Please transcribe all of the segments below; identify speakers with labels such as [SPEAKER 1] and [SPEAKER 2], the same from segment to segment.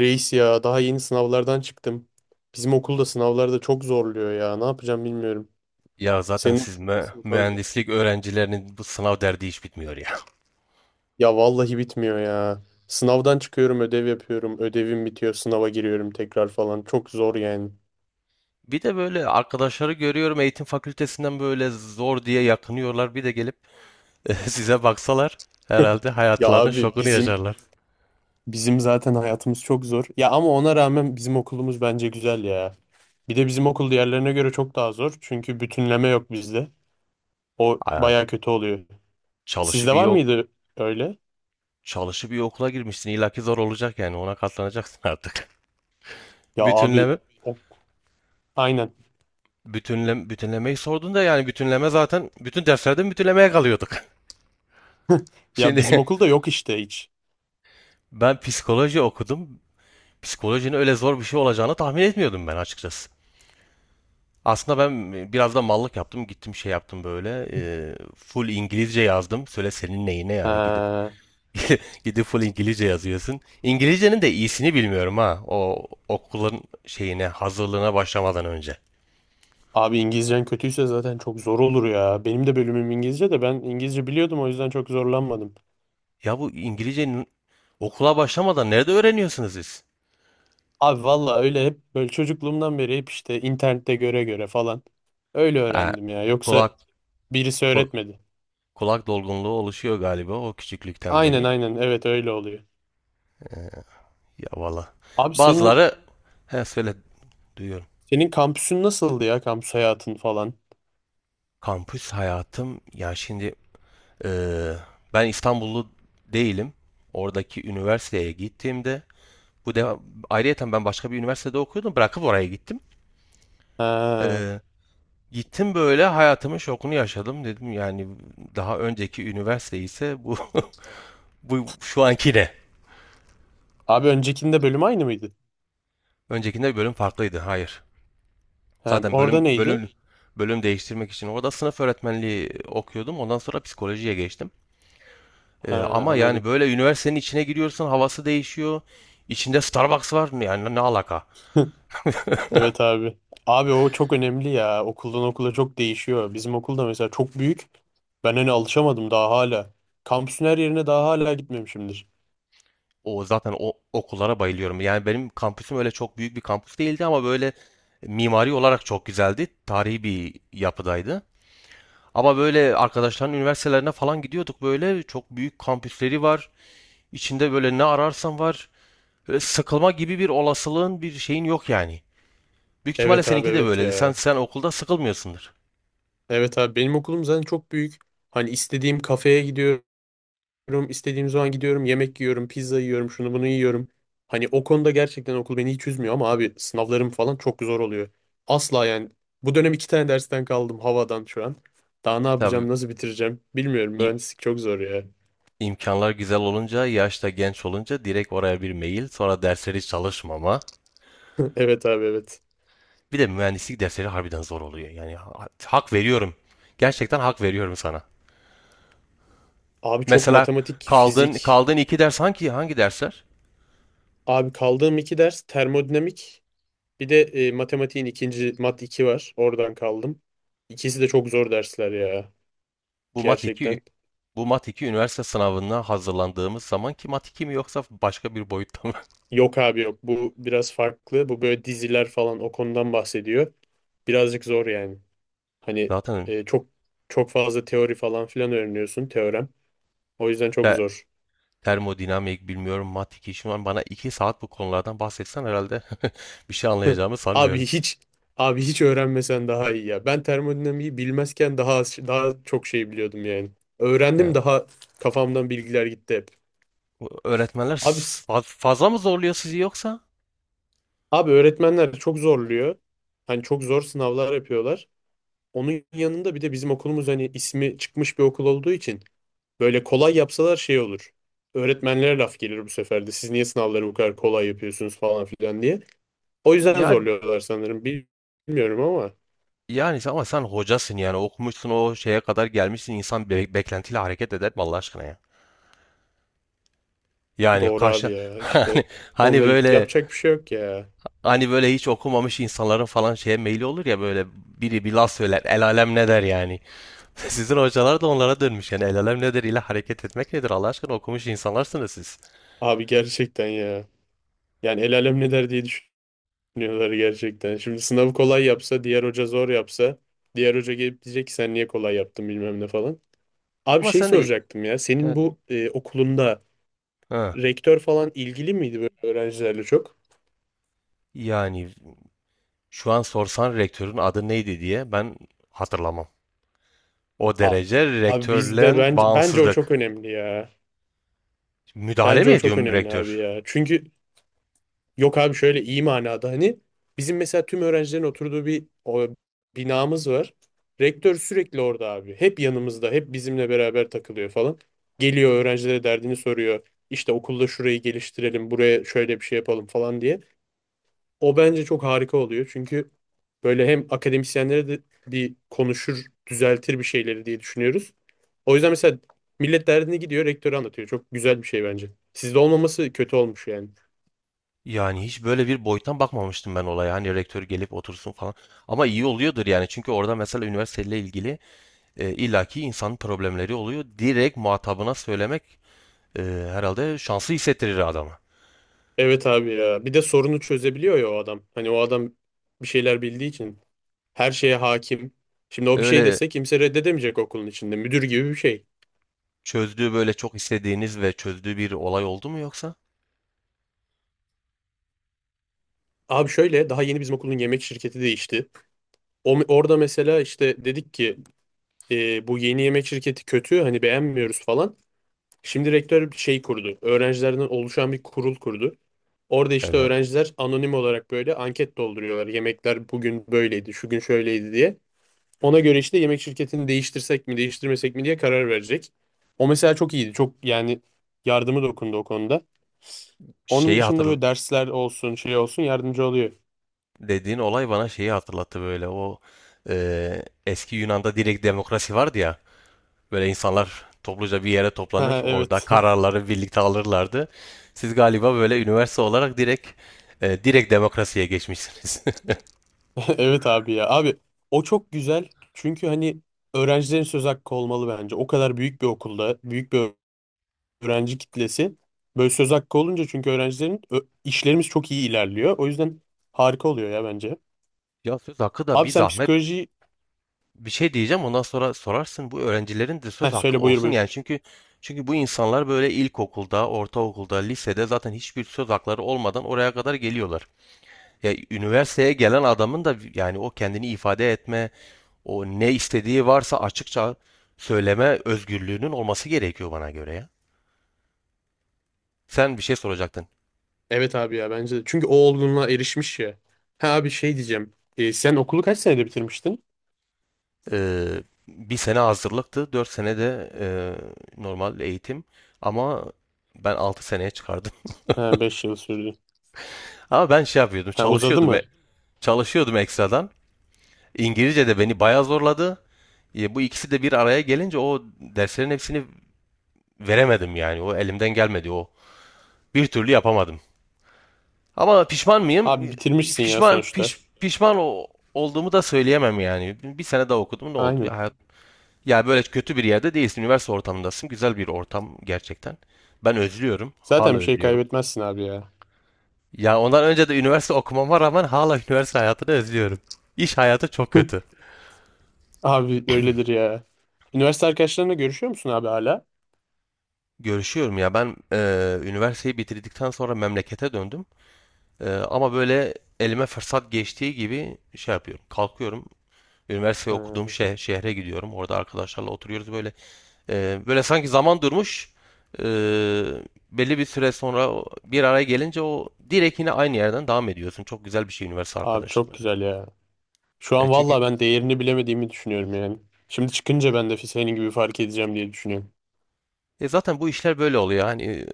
[SPEAKER 1] Reis ya daha yeni sınavlardan çıktım. Bizim okulda sınavlarda çok zorluyor ya. Ne yapacağım bilmiyorum.
[SPEAKER 2] Ya zaten
[SPEAKER 1] Senin okul
[SPEAKER 2] siz
[SPEAKER 1] nasıl bu konuda?
[SPEAKER 2] mühendislik öğrencilerinin bu sınav derdi hiç bitmiyor ya.
[SPEAKER 1] Ya vallahi bitmiyor ya. Sınavdan çıkıyorum, ödev yapıyorum. Ödevim bitiyor, sınava giriyorum tekrar falan. Çok zor yani.
[SPEAKER 2] Bir de böyle arkadaşları görüyorum eğitim fakültesinden böyle zor diye yakınıyorlar. Bir de gelip size baksalar herhalde
[SPEAKER 1] Ya
[SPEAKER 2] hayatlarının
[SPEAKER 1] abi
[SPEAKER 2] şokunu
[SPEAKER 1] bizim
[SPEAKER 2] yaşarlar.
[SPEAKER 1] bizim zaten hayatımız çok zor. Ya ama ona rağmen bizim okulumuz bence güzel ya. Bir de bizim okul diğerlerine göre çok daha zor. Çünkü bütünleme yok bizde. O
[SPEAKER 2] Ay,
[SPEAKER 1] baya kötü oluyor.
[SPEAKER 2] çalışıp
[SPEAKER 1] Sizde
[SPEAKER 2] iyi,
[SPEAKER 1] var
[SPEAKER 2] ok-
[SPEAKER 1] mıydı öyle?
[SPEAKER 2] çalışıp iyi okula girmişsin. İlla ki zor olacak yani, ona katlanacaksın artık.
[SPEAKER 1] Ya abi
[SPEAKER 2] Bütünleme,
[SPEAKER 1] o, aynen.
[SPEAKER 2] bütünlemeyi sordun da yani, bütünleme zaten bütün derslerden bütünlemeye kalıyorduk.
[SPEAKER 1] Ya bizim
[SPEAKER 2] Şimdi
[SPEAKER 1] okulda yok işte hiç.
[SPEAKER 2] ben psikoloji okudum. Psikolojinin öyle zor bir şey olacağını tahmin etmiyordum ben açıkçası. Aslında ben biraz da mallık yaptım. Gittim şey yaptım böyle. Full İngilizce yazdım. Söyle senin neyine yani, gidip
[SPEAKER 1] Ee,
[SPEAKER 2] gidip full İngilizce yazıyorsun. İngilizcenin de iyisini bilmiyorum ha. O okulun şeyine, hazırlığına başlamadan önce.
[SPEAKER 1] abi İngilizcen kötüyse zaten çok zor olur ya. Benim de bölümüm İngilizce de ben İngilizce biliyordum o yüzden çok zorlanmadım.
[SPEAKER 2] Ya, bu İngilizcenin okula başlamadan nerede öğreniyorsunuz siz?
[SPEAKER 1] Abi valla öyle hep böyle çocukluğumdan beri hep işte internette göre göre falan. Öyle
[SPEAKER 2] Ha,
[SPEAKER 1] öğrendim ya. Yoksa
[SPEAKER 2] kulak
[SPEAKER 1] birisi
[SPEAKER 2] ku-
[SPEAKER 1] öğretmedi.
[SPEAKER 2] kulak dolgunluğu oluşuyor galiba o küçüklükten
[SPEAKER 1] Aynen
[SPEAKER 2] beri.
[SPEAKER 1] aynen evet öyle oluyor.
[SPEAKER 2] Ee, ya valla.
[SPEAKER 1] Abi senin
[SPEAKER 2] Bazıları he söyle duyuyorum.
[SPEAKER 1] senin kampüsün nasıldı ya kampüs hayatın falan?
[SPEAKER 2] Kampüs hayatım ya şimdi, Ee, ben İstanbullu değilim. Oradaki üniversiteye gittiğimde, bu de ayrıyeten ben başka bir üniversitede okuyordum. Bırakıp oraya gittim.
[SPEAKER 1] Ha.
[SPEAKER 2] Ee, gittim böyle, hayatımın şokunu yaşadım dedim. Yani daha önceki üniversite ise bu bu şu anki ne?
[SPEAKER 1] Abi öncekinde bölüm aynı mıydı?
[SPEAKER 2] Öncekinde bir bölüm farklıydı. Hayır.
[SPEAKER 1] Ha,
[SPEAKER 2] Zaten
[SPEAKER 1] orada
[SPEAKER 2] bölüm
[SPEAKER 1] neydi?
[SPEAKER 2] bölüm bölüm değiştirmek için orada sınıf öğretmenliği okuyordum. Ondan sonra psikolojiye geçtim.
[SPEAKER 1] Ha,
[SPEAKER 2] Ama yani
[SPEAKER 1] anladım.
[SPEAKER 2] böyle üniversitenin içine giriyorsun, havası değişiyor. İçinde Starbucks var. Yani ne alaka?
[SPEAKER 1] Evet abi. Abi o çok önemli ya. Okuldan okula çok değişiyor. Bizim okulda mesela çok büyük. Ben hani alışamadım daha hala. Kampüsün her yerine daha hala gitmemişimdir.
[SPEAKER 2] O zaten, o okullara bayılıyorum. Yani benim kampüsüm öyle çok büyük bir kampüs değildi, ama böyle mimari olarak çok güzeldi. Tarihi bir yapıdaydı. Ama böyle arkadaşların üniversitelerine falan gidiyorduk, böyle çok büyük kampüsleri var. İçinde böyle ne ararsan var. Böyle sıkılma gibi bir olasılığın, bir şeyin yok yani. Büyük ihtimalle
[SPEAKER 1] Evet abi
[SPEAKER 2] seninki de
[SPEAKER 1] evet
[SPEAKER 2] böyleydi. Sen
[SPEAKER 1] ya.
[SPEAKER 2] sen okulda sıkılmıyorsundur.
[SPEAKER 1] Evet abi benim okulum zaten çok büyük. Hani istediğim kafeye gidiyorum, istediğim zaman gidiyorum, yemek yiyorum, pizza yiyorum, şunu bunu yiyorum. Hani o konuda gerçekten okul beni hiç üzmüyor ama abi sınavlarım falan çok zor oluyor. Asla yani. Bu dönem iki tane dersten kaldım havadan şu an. Daha ne
[SPEAKER 2] Tabii
[SPEAKER 1] yapacağım, nasıl bitireceğim bilmiyorum.
[SPEAKER 2] im-
[SPEAKER 1] Mühendislik çok zor ya.
[SPEAKER 2] imkanlar güzel olunca, yaşta genç olunca direkt oraya bir mail, sonra dersleri çalışmama.
[SPEAKER 1] Evet abi evet.
[SPEAKER 2] Bir de mühendislik dersleri harbiden zor oluyor. Yani hak veriyorum. Gerçekten hak veriyorum sana.
[SPEAKER 1] Abi çok
[SPEAKER 2] Mesela
[SPEAKER 1] matematik,
[SPEAKER 2] kaldığın
[SPEAKER 1] fizik.
[SPEAKER 2] kaldığın iki ders, hangi dersler?
[SPEAKER 1] Abi kaldığım iki ders termodinamik. Bir de matematiğin ikinci mat 2 var. Oradan kaldım. İkisi de çok zor dersler ya.
[SPEAKER 2] Bu Mat 2,
[SPEAKER 1] Gerçekten.
[SPEAKER 2] bu Mat 2 üniversite sınavına hazırlandığımız zaman ki Mat 2 mi, yoksa başka bir boyutta mı?
[SPEAKER 1] Yok abi yok. Bu biraz farklı. Bu böyle diziler falan o konudan bahsediyor. Birazcık zor yani. Hani
[SPEAKER 2] Zaten
[SPEAKER 1] e, çok çok fazla teori falan filan öğreniyorsun teorem. O yüzden çok
[SPEAKER 2] te-
[SPEAKER 1] zor.
[SPEAKER 2] termodinamik bilmiyorum, Mat 2 şu an bana 2 saat bu konulardan bahsetsen herhalde bir şey anlayacağımı
[SPEAKER 1] Abi
[SPEAKER 2] sanmıyorum.
[SPEAKER 1] hiç abi hiç öğrenmesen daha iyi ya. Ben termodinamiği bilmezken daha çok şey biliyordum yani. Öğrendim
[SPEAKER 2] Evet.
[SPEAKER 1] daha kafamdan bilgiler gitti hep.
[SPEAKER 2] Öğretmenler
[SPEAKER 1] Abi s-
[SPEAKER 2] fazla mı zorluyor sizi yoksa?
[SPEAKER 1] abi öğretmenler çok zorluyor. Hani çok zor sınavlar yapıyorlar. Onun yanında bir de bizim okulumuz hani ismi çıkmış bir okul olduğu için böyle kolay yapsalar şey olur. Öğretmenlere laf gelir bu sefer de. Siz niye sınavları bu kadar kolay yapıyorsunuz falan filan diye. O yüzden
[SPEAKER 2] Yani,
[SPEAKER 1] zorluyorlar sanırım. Bilmiyorum ama.
[SPEAKER 2] yani, ama sen hocasın yani, okumuşsun o şeye kadar gelmişsin, insan beklentiyle hareket eder mi Allah aşkına ya? Yani
[SPEAKER 1] Doğru
[SPEAKER 2] karşı
[SPEAKER 1] abi ya.
[SPEAKER 2] hani,
[SPEAKER 1] İşte
[SPEAKER 2] hani
[SPEAKER 1] onunla
[SPEAKER 2] böyle
[SPEAKER 1] yapacak bir şey yok ya.
[SPEAKER 2] hani böyle hiç okumamış insanların falan şeye meyli olur ya, böyle biri bir laf söyler el alem ne der yani. Sizin hocalar da onlara dönmüş. Yani el alem nedir ile hareket etmek nedir? Allah aşkına, okumuş insanlarsınız siz.
[SPEAKER 1] Abi gerçekten ya. Yani el alem ne der diye düşünüyorlar gerçekten. Şimdi sınavı kolay yapsa, diğer hoca zor yapsa, diğer hoca gelip diyecek ki sen niye kolay yaptın bilmem ne falan. Abi
[SPEAKER 2] Ama
[SPEAKER 1] şey
[SPEAKER 2] sen de
[SPEAKER 1] soracaktım ya. Senin
[SPEAKER 2] yani,
[SPEAKER 1] bu okulunda
[SPEAKER 2] ha,
[SPEAKER 1] rektör falan ilgili miydi böyle öğrencilerle çok?
[SPEAKER 2] yani şu an sorsan rektörün adı neydi diye ben hatırlamam. O
[SPEAKER 1] A-
[SPEAKER 2] derece
[SPEAKER 1] Abi bizde
[SPEAKER 2] rektörle
[SPEAKER 1] bence o çok
[SPEAKER 2] bağımsızlık.
[SPEAKER 1] önemli ya.
[SPEAKER 2] Müdahale
[SPEAKER 1] Bence
[SPEAKER 2] mi
[SPEAKER 1] o çok
[SPEAKER 2] ediyor
[SPEAKER 1] önemli abi
[SPEAKER 2] rektör?
[SPEAKER 1] ya. Çünkü yok abi şöyle iyi manada hani bizim mesela tüm öğrencilerin oturduğu bir o, binamız var. Rektör sürekli orada abi. Hep yanımızda, hep bizimle beraber takılıyor falan. Geliyor öğrencilere derdini soruyor. İşte okulda şurayı geliştirelim, buraya şöyle bir şey yapalım falan diye. O bence çok harika oluyor. Çünkü böyle hem akademisyenlere de bir konuşur, düzeltir bir şeyleri diye düşünüyoruz. O yüzden mesela millet derdini gidiyor, rektöre anlatıyor. Çok güzel bir şey bence. Sizde olmaması kötü olmuş yani.
[SPEAKER 2] Yani hiç böyle bir boyuttan bakmamıştım ben olaya. Hani rektör gelip otursun falan. Ama iyi oluyordur yani. Çünkü orada mesela üniversiteyle ilgili illaki insanın problemleri oluyor. Direkt muhatabına söylemek e, herhalde şanslı hissettirir adamı.
[SPEAKER 1] Evet abi ya. Bir de sorunu çözebiliyor ya o adam. Hani o adam bir şeyler bildiği için her şeye hakim. Şimdi o bir şey
[SPEAKER 2] Öyle
[SPEAKER 1] dese kimse reddedemeyecek okulun içinde. Müdür gibi bir şey.
[SPEAKER 2] çözdüğü, böyle çok istediğiniz ve çözdüğü bir olay oldu mu yoksa?
[SPEAKER 1] Abi şöyle daha yeni bizim okulun yemek şirketi değişti. O, orada mesela işte dedik ki bu yeni yemek şirketi kötü hani beğenmiyoruz falan. Şimdi rektör bir şey kurdu. Öğrencilerden oluşan bir kurul kurdu. Orada işte
[SPEAKER 2] Evet.
[SPEAKER 1] öğrenciler anonim olarak böyle anket dolduruyorlar. Yemekler bugün böyleydi, şu gün şöyleydi diye. Ona göre işte yemek şirketini değiştirsek mi değiştirmesek mi diye karar verecek. O mesela çok iyiydi. Çok yani yardımı dokundu o konuda. Onun
[SPEAKER 2] Şeyi
[SPEAKER 1] dışında
[SPEAKER 2] hatır
[SPEAKER 1] böyle dersler olsun şey olsun yardımcı oluyor.
[SPEAKER 2] dediğin olay bana şeyi hatırlattı, böyle, o eski Yunan'da direkt demokrasi vardı ya. Böyle insanlar topluca bir yere toplanır,
[SPEAKER 1] Ha,
[SPEAKER 2] orada
[SPEAKER 1] evet.
[SPEAKER 2] kararları birlikte alırlardı. Siz galiba böyle üniversite olarak direkt, direkt demokrasiye geçmişsiniz.
[SPEAKER 1] Evet abi ya. Abi o çok güzel. Çünkü hani öğrencilerin söz hakkı olmalı bence. O kadar büyük bir okulda büyük bir öğrenci kitlesi böyle söz hakkı olunca çünkü öğrencilerin işlerimiz çok iyi ilerliyor. O yüzden harika oluyor ya bence.
[SPEAKER 2] Ya söz hakkı da
[SPEAKER 1] Abi
[SPEAKER 2] bir
[SPEAKER 1] sen
[SPEAKER 2] zahmet,
[SPEAKER 1] psikoloji...
[SPEAKER 2] bir şey diyeceğim ondan sonra sorarsın bu öğrencilerin de söz
[SPEAKER 1] Heh,
[SPEAKER 2] hakkı
[SPEAKER 1] söyle buyur
[SPEAKER 2] olsun yani,
[SPEAKER 1] buyur.
[SPEAKER 2] çünkü bu insanlar böyle ilkokulda, ortaokulda, lisede zaten hiçbir söz hakları olmadan oraya kadar geliyorlar. Ya üniversiteye gelen adamın da yani, o kendini ifade etme, o ne istediği varsa açıkça söyleme özgürlüğünün olması gerekiyor bana göre ya. Sen bir şey soracaktın.
[SPEAKER 1] Evet abi ya bence de. Çünkü o olgunluğa erişmiş ya. Ha abi şey diyeceğim. E, sen okulu kaç senede bitirmiştin?
[SPEAKER 2] Ee, bir sene hazırlıktı, 4 sene de normal eğitim, ama ben 6 seneye çıkardım.
[SPEAKER 1] Ha 5 yıl sürdü.
[SPEAKER 2] Ama ben şey yapıyordum,
[SPEAKER 1] Ha uzadı
[SPEAKER 2] çalışıyordum.
[SPEAKER 1] mı?
[SPEAKER 2] çalışıyordum ekstradan. İngilizce de beni bayağı zorladı. Bu ikisi de bir araya gelince o derslerin hepsini veremedim yani. O elimden gelmedi o. Bir türlü yapamadım. Ama pişman mıyım?
[SPEAKER 1] Abi
[SPEAKER 2] E,
[SPEAKER 1] bitirmişsin ya
[SPEAKER 2] Pişman
[SPEAKER 1] sonuçta.
[SPEAKER 2] piş, pişman o- olduğumu da söyleyemem yani. Bir sene daha okudum, ne oldu?
[SPEAKER 1] Aynen.
[SPEAKER 2] Böyle kötü bir yerde değilsin. Üniversite ortamındasın. Güzel bir ortam gerçekten. Ben özlüyorum. Hala
[SPEAKER 1] Zaten bir şey
[SPEAKER 2] özlüyorum.
[SPEAKER 1] kaybetmezsin abi ya.
[SPEAKER 2] Ya, ondan önce de üniversite okumama rağmen hala üniversite hayatını özlüyorum. İş hayatı çok kötü.
[SPEAKER 1] Abi öyledir ya. Üniversite arkadaşlarınla görüşüyor musun abi hala?
[SPEAKER 2] Görüşüyorum ya, ben üniversiteyi bitirdikten sonra memlekete döndüm. Ama böyle elime fırsat geçtiği gibi şey yapıyorum. Kalkıyorum. Üniversiteyi
[SPEAKER 1] Ha,
[SPEAKER 2] okuduğum şehre gidiyorum. Orada arkadaşlarla oturuyoruz böyle. Böyle sanki zaman durmuş. Eee, belli bir süre sonra bir araya gelince o direkt yine aynı yerden devam ediyorsun. Çok güzel bir şey üniversite
[SPEAKER 1] abi çok
[SPEAKER 2] arkadaşlıkları.
[SPEAKER 1] güzel ya. Şu
[SPEAKER 2] E,
[SPEAKER 1] an
[SPEAKER 2] çünkü
[SPEAKER 1] valla ben değerini bilemediğimi düşünüyorum yani. Şimdi çıkınca ben de senin gibi fark edeceğim diye düşünüyorum.
[SPEAKER 2] E zaten bu işler böyle oluyor. Hani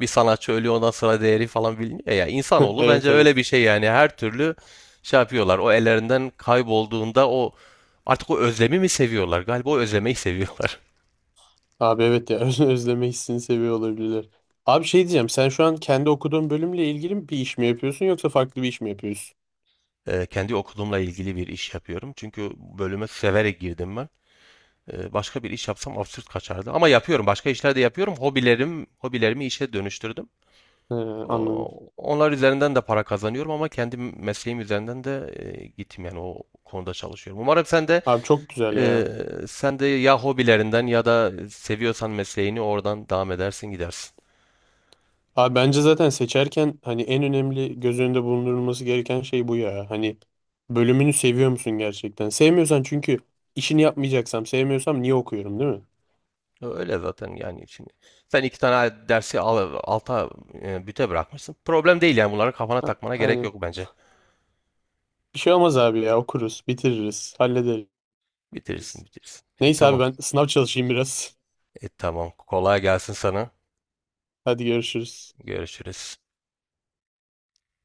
[SPEAKER 2] bir sanatçı ölüyor, ondan sonra değeri falan biliniyor ya. İnsanoğlu
[SPEAKER 1] Evet
[SPEAKER 2] bence öyle bir
[SPEAKER 1] evet.
[SPEAKER 2] şey yani. Her türlü şey yapıyorlar. O ellerinden kaybolduğunda o, artık o özlemi mi seviyorlar? Galiba o özlemeyi seviyorlar.
[SPEAKER 1] Abi evet ya özleme hissini seviyor olabilirler. Abi şey diyeceğim sen şu an kendi okuduğun bölümle ilgili bir iş mi yapıyorsun yoksa farklı bir iş mi yapıyorsun?
[SPEAKER 2] Kendi okulumla ilgili bir iş yapıyorum. Çünkü bölüme severek girdim ben. Başka bir iş yapsam absürt kaçardı. Ama yapıyorum. Başka işler de yapıyorum. Hobilerimi işe dönüştürdüm.
[SPEAKER 1] He, anladım.
[SPEAKER 2] Onlar üzerinden de para kazanıyorum, ama kendi mesleğim üzerinden de gittim yani, o konuda çalışıyorum. Umarım
[SPEAKER 1] Abi çok güzel
[SPEAKER 2] e,
[SPEAKER 1] ya.
[SPEAKER 2] sen de ya hobilerinden ya da seviyorsan mesleğini oradan devam edersin, gidersin.
[SPEAKER 1] Abi bence zaten seçerken hani en önemli göz önünde bulundurulması gereken şey bu ya. Hani bölümünü seviyor musun gerçekten? Sevmiyorsan çünkü işini yapmayacaksam sevmiyorsam niye okuyorum değil mi?
[SPEAKER 2] Öyle zaten yani şimdi. Sen iki tane dersi alta, büte bırakmışsın. Problem değil yani, bunları kafana
[SPEAKER 1] Ha,
[SPEAKER 2] takmana gerek
[SPEAKER 1] aynen.
[SPEAKER 2] yok bence.
[SPEAKER 1] Bir şey olmaz abi ya okuruz bitiririz hallederiz.
[SPEAKER 2] Bitirirsin bitirirsin. E
[SPEAKER 1] Neyse abi
[SPEAKER 2] tamam.
[SPEAKER 1] ben sınav çalışayım biraz.
[SPEAKER 2] Tamam. Kolay gelsin sana.
[SPEAKER 1] Hadi görüşürüz.
[SPEAKER 2] Görüşürüz.